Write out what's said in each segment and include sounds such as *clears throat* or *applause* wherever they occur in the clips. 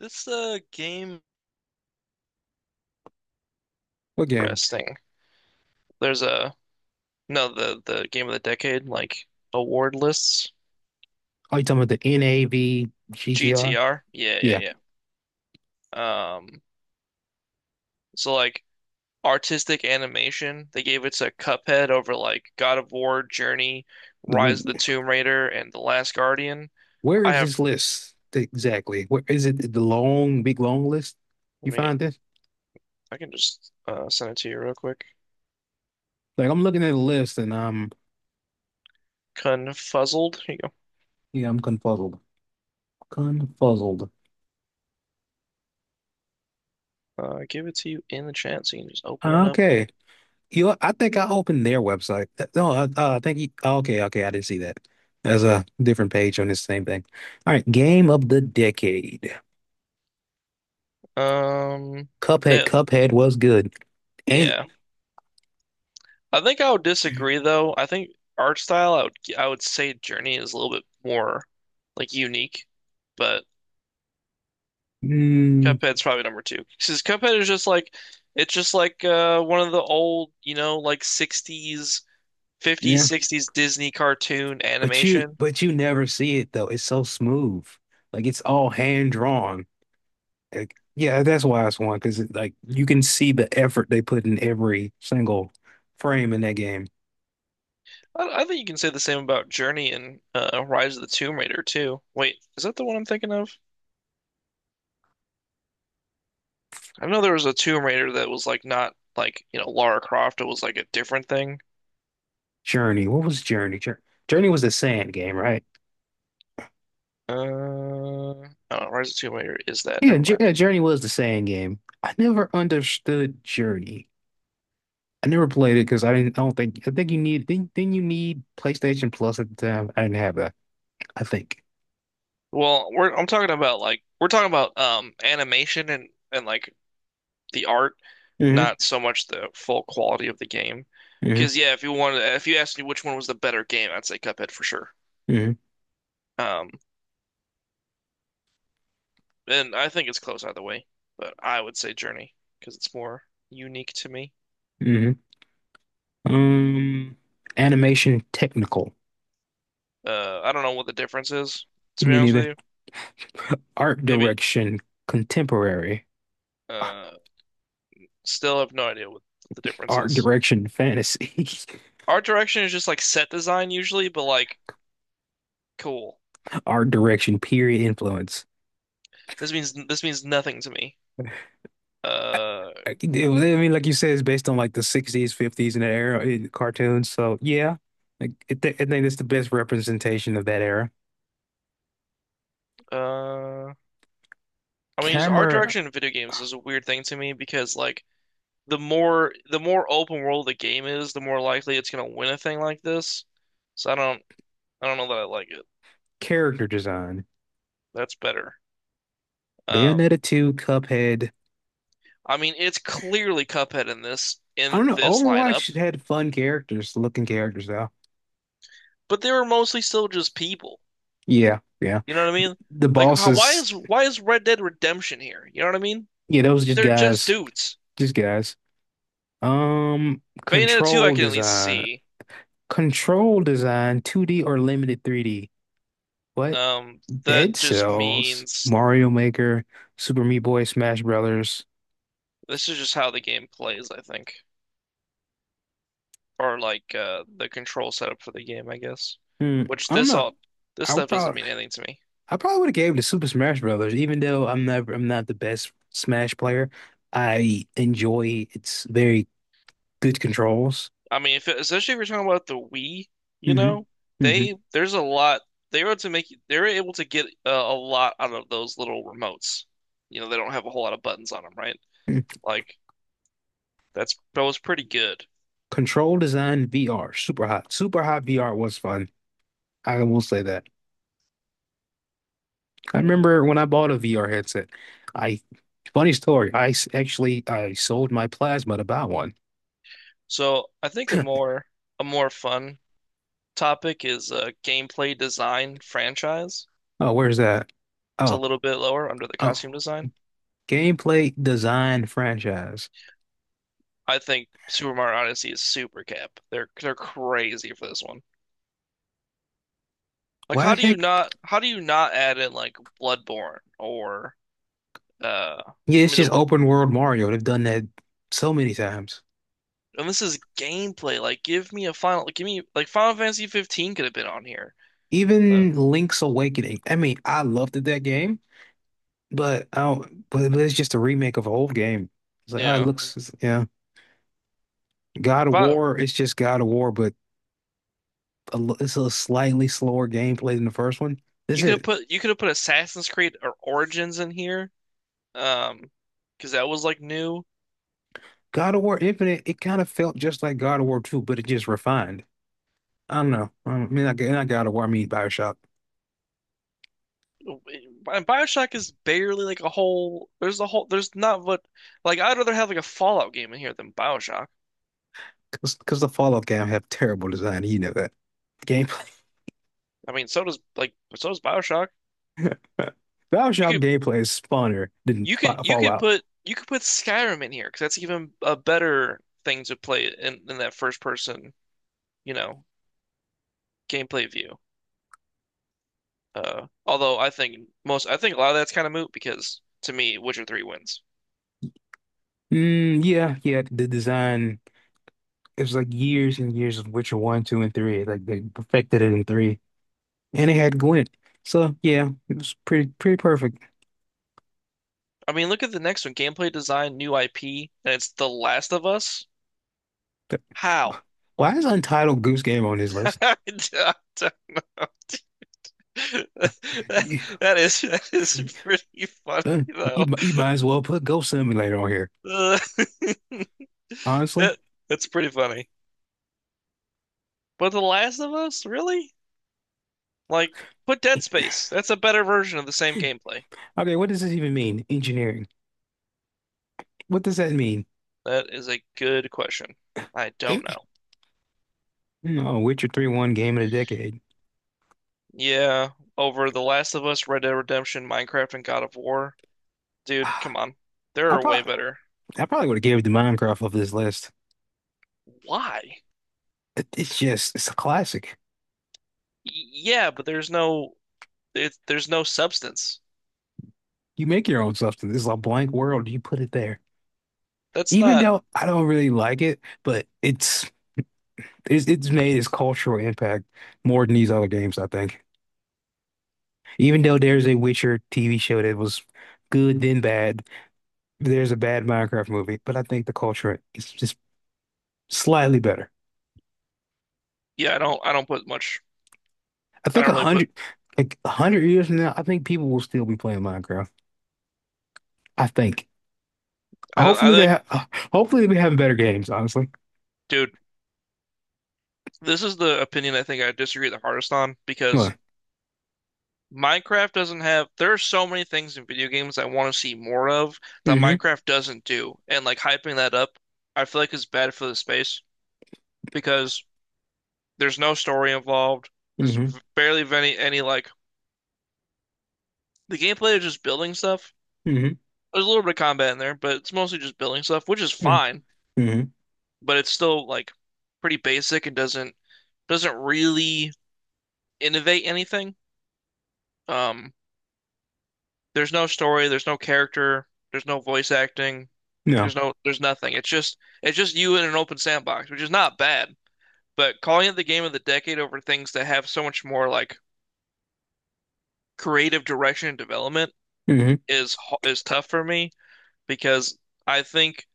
This game What game? resting. There's a No, the game of the decade, like award lists. Are you talking about the NAV GTR? GTR. Yeah, Yeah. yeah, yeah. So like artistic animation, they gave it to Cuphead over like God of War, Journey, The, Rise of the Tomb Raider, and The Last Guardian. where I is have this list exactly? Where is it the long, big long list? I You mean find this? I can just send it to you real quick. Like I'm looking at the list and I'm Confuzzled. Here you yeah, I'm confuzzled. Confuzzled. go. Give it to you in the chat so you can just open it up and Okay. You know, I think I opened their website. No, I think you, okay, okay, I didn't see that. There's a different page on this same thing. All right, game of the decade. um Cuphead, that Cuphead was good. And yeah. I think I would disagree though. I think art style, I would say Journey is a little bit more like unique, but mm, Cuphead's probably number two. Because Cuphead is just like it's just like one of the old, you know, like 60s, 50s, yeah. 60s Disney cartoon But you animation. but you never see it though. It's so smooth. Like it's all hand drawn. Like, yeah, that's why it's one because like you can see the effort they put in every single frame in that game. I think you can say the same about Journey and Rise of the Tomb Raider too. Wait, is that the one I'm thinking of? I know there was a Tomb Raider that was like not like, you know, Lara Croft. It was like a different thing. Journey. What was Journey? Journey was the sand game, right? Oh, Rise of Tomb Raider is that? Yeah, Never mind. yeah, Journey was the sand game. I never understood Journey. I never played it because I didn't. I don't think. I think you need. Then you need PlayStation Plus at the time. I didn't have that. I think. Well, we're I'm talking about like we're talking about animation and like the art, Hmm not so much the full quality of the game. hmm Because yeah, if you asked me which one was the better game, I'd say Cuphead for sure. hmm Um, and I think it's close either way, but I would say Journey because it's more unique to me. hmm Um, Animation technical. I don't know what the difference is, to You be mean honest with either you. art Maybe. direction contemporary, Uh, still have no idea what the difference art is. direction fantasy, Art direction is just like set design usually, but like cool. *laughs* art direction period influence. This means nothing to me. Uh, I mean, like you said, it's based on like the 60s, 50s, and that era in cartoons. So yeah, like, I think that's the best representation of that era. uh, I mean, just art Camera direction in video games is a weird thing to me because like the more open world the game is, the more likely it's gonna win a thing like this. So I don't know that I like it. character design. That's better. Um, Bayonetta 2, Cuphead. I mean, it's clearly Cuphead in I don't know. this lineup, Overwatch had fun characters, looking characters though. but they were mostly still just people. Yeah, yeah. You know what I mean? The Like, bosses. Why is Red Dead Redemption here? You know what I mean? Yeah, those just They're just guys, dudes. just guys. Bayonetta 2, I Control can at least design, see. control design, 2D or limited 3D. What? That Dead just Cells, means Mario Maker, Super Meat Boy, Smash Brothers. this is just how the game plays, I think. Or like the control setup for the game, I guess. Hmm, Which I don't this know. all this I would stuff doesn't probably, mean anything to me. I probably would have gave it to Super Smash Brothers, even though I'm never, I'm not the best Smash player. I enjoy its very good controls. I mean, if it, especially if you're talking about the Wii, you Hmm know, hmm they there's a lot they were able to get a lot out of those little remotes. You know, they don't have a whole lot of buttons on them, right? Like that was pretty good. Control design VR, super hot. Super hot VR was fun. I will say that. I Mm. remember when I bought a VR headset. I funny story. Actually I sold my plasma to buy one. So I think a more fun topic is gameplay design franchise. Oh, where's that? It's a Oh, little bit lower under the oh, costume design. gameplay design franchise. I think Super Mario Odyssey is super cap. They're crazy for this one. Like, Why the heck? How do you not add in like Bloodborne or uh Yeah, I it's mean the just open world Mario. They've done that so many times. and this is gameplay. Like, give me like Final Fantasy 15 could have been on here. Uh, Even Link's Awakening. I mean, I loved that game, but but it's just a remake of an old game. It's like, ah, it yeah, looks, yeah. God and of but War, it's just God of War, but it's a slightly slower gameplay than the first one. This you could is have put Assassin's Creed or Origins in here. Um, because that was like new. God of War Infinite. It kind of felt just like God of War 2, but it just refined. I don't know. I mean, I Not God of War, I mean BioShock. And BioShock is barely like a whole. There's a whole. There's not what. Like I'd rather have like a Fallout game in here than BioShock. Because the Fallout game have terrible design. You know that. Gameplay. I mean, so does BioShock. *laughs* You BioShock could gameplay is funner than Fallout. You could put Skyrim in here because that's even a better thing to play in that first person, you know, gameplay view. Although I think a lot of that's kind of moot because to me, Witcher 3 wins. Mm, yeah, yeah. The design it was like years and years of Witcher 1, 2, and 3. Like they perfected it in 3. And it had Gwent. So yeah, it was pretty perfect. I mean, look at the next one. Gameplay design, new IP, and it's The Last of Us. How? *laughs* Why is Untitled Goose Game on his list? *laughs* I don't know. *laughs* That You, that is pretty funny uh, though. you might as well put Ghost Simulator on here, Uh, *laughs* honestly. that, that's pretty funny. But The Last of Us, really? Like, put Dead Space. That's a better version of the same gameplay. Okay, what does this even mean? Engineering. What does that mean? That is a good question. I don't know. No, Witcher 3 won game of the decade. *sighs* Yeah, over The Last of Us, Red Dead Redemption, Minecraft, and God of War. Dude, Ah, come on. There I are way probably better. I probably would have gave it to Minecraft off this list. Why? It's just it's a classic. Yeah, but there's no substance. You make your own substance. It's a blank world. You put it there. That's Even not. though I don't really like it, but it's made its cultural impact more than these other games, I think. Even though there's a Witcher TV show that was good then bad, there's a bad Minecraft movie, but I think the culture is just slightly better. Yeah, I don't put much. I I think don't a really put. hundred, Like 100 years from now, I think people will still be playing Minecraft. I think. I don't. Hopefully they ha *sighs* hopefully they have better games, honestly. Dude. This is the opinion I think I disagree the hardest on because What? Minecraft doesn't have, there are so many things in video games I want to see more of that Mm-hmm. Minecraft doesn't do. And like hyping that up, I feel like is bad for the space because there's no story involved. There's Mm-hmm. barely any like, the gameplay is just building stuff. Mm-hmm. There's a little bit of combat in there, but it's mostly just building stuff, which is Mm-hmm. fine, Mm-hmm. but it's still like pretty basic and doesn't really innovate anything. Um, There's no story, there's no character, there's no voice acting, like No. There's nothing. It's just you in an open sandbox, which is not bad. But calling it the game of the decade over things that have so much more like creative direction and development Mm-hmm. is tough for me because I think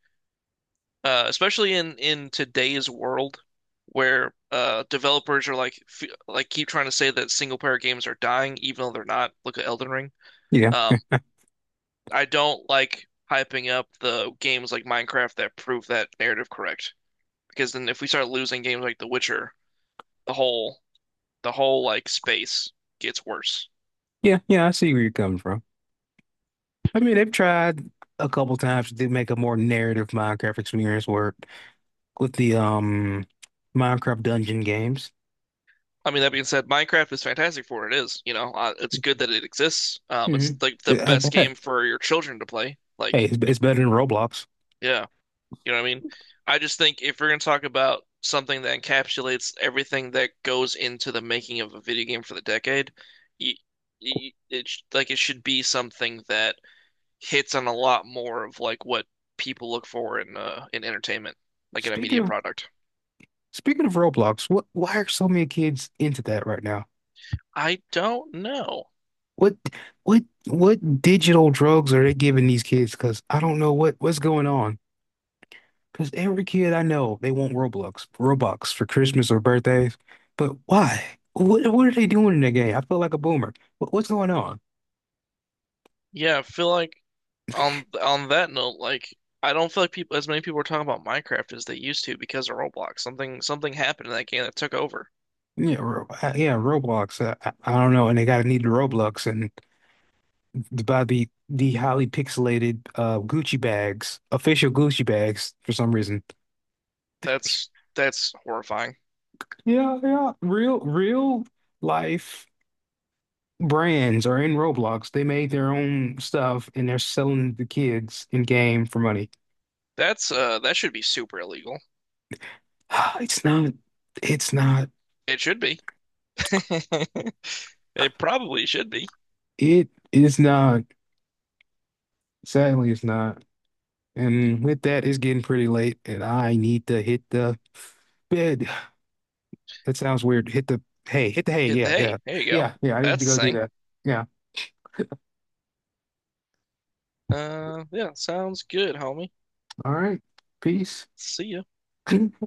especially in today's world where developers are like f like keep trying to say that single player games are dying even though they're not. Look at Elden Ring. Yeah. Um, I don't like hyping up the games like Minecraft that prove that narrative correct. Because then if we start losing games like The Witcher, the whole the whole like space gets worse. Yeah. Yeah. I see where you're coming from. I mean, they've tried a couple times to make a more narrative Minecraft experience work with the Minecraft dungeon games. I mean, that being said, Minecraft is fantastic for what it is. You know, it's good that it exists. It's Hmm like the best game for your children to play. Like, Hey, it's better than Roblox. yeah, you know what I mean? I just think if we're gonna talk about something that encapsulates everything that goes into the making of a video game for the decade, you, you, it sh- like it should be something that hits on a lot more of like what people look for in entertainment, like in a Speaking media of product. Speaking of Roblox, what why are so many kids into that right now? I don't know. What what what digital drugs are they giving these kids? Because I don't know what's going on. Because every kid I know, they want Roblox, Robux for Christmas or birthdays. But why? What are they doing in the game? I feel like a boomer. What, what's going on? Yeah, I feel like on that note, like I don't feel like people as many people are talking about Minecraft as they used to because of Roblox. Something happened in that game that took over. Yeah, yeah, Roblox. I don't know, and they gotta need the Roblox and about the highly pixelated Gucci bags, official Gucci bags for some reason. That's that's horrifying. Yeah, yeah, real life brands are in Roblox. They made their own stuff and they're selling the kids in game for money. That's that should be super illegal. *sighs* It's not. It's not. It should be. *laughs* It probably should be. It is not. Sadly, it's not. And with that, it's getting pretty late, and I need to hit the bed. That sounds weird. Hit the hay. Hit the hay. Yeah, yeah, Hey, there you go. yeah, yeah. I need That's to the go do thing. that. Yeah. Yeah, sounds good, homie. All right. Peace. See ya. *clears throat* *laughs*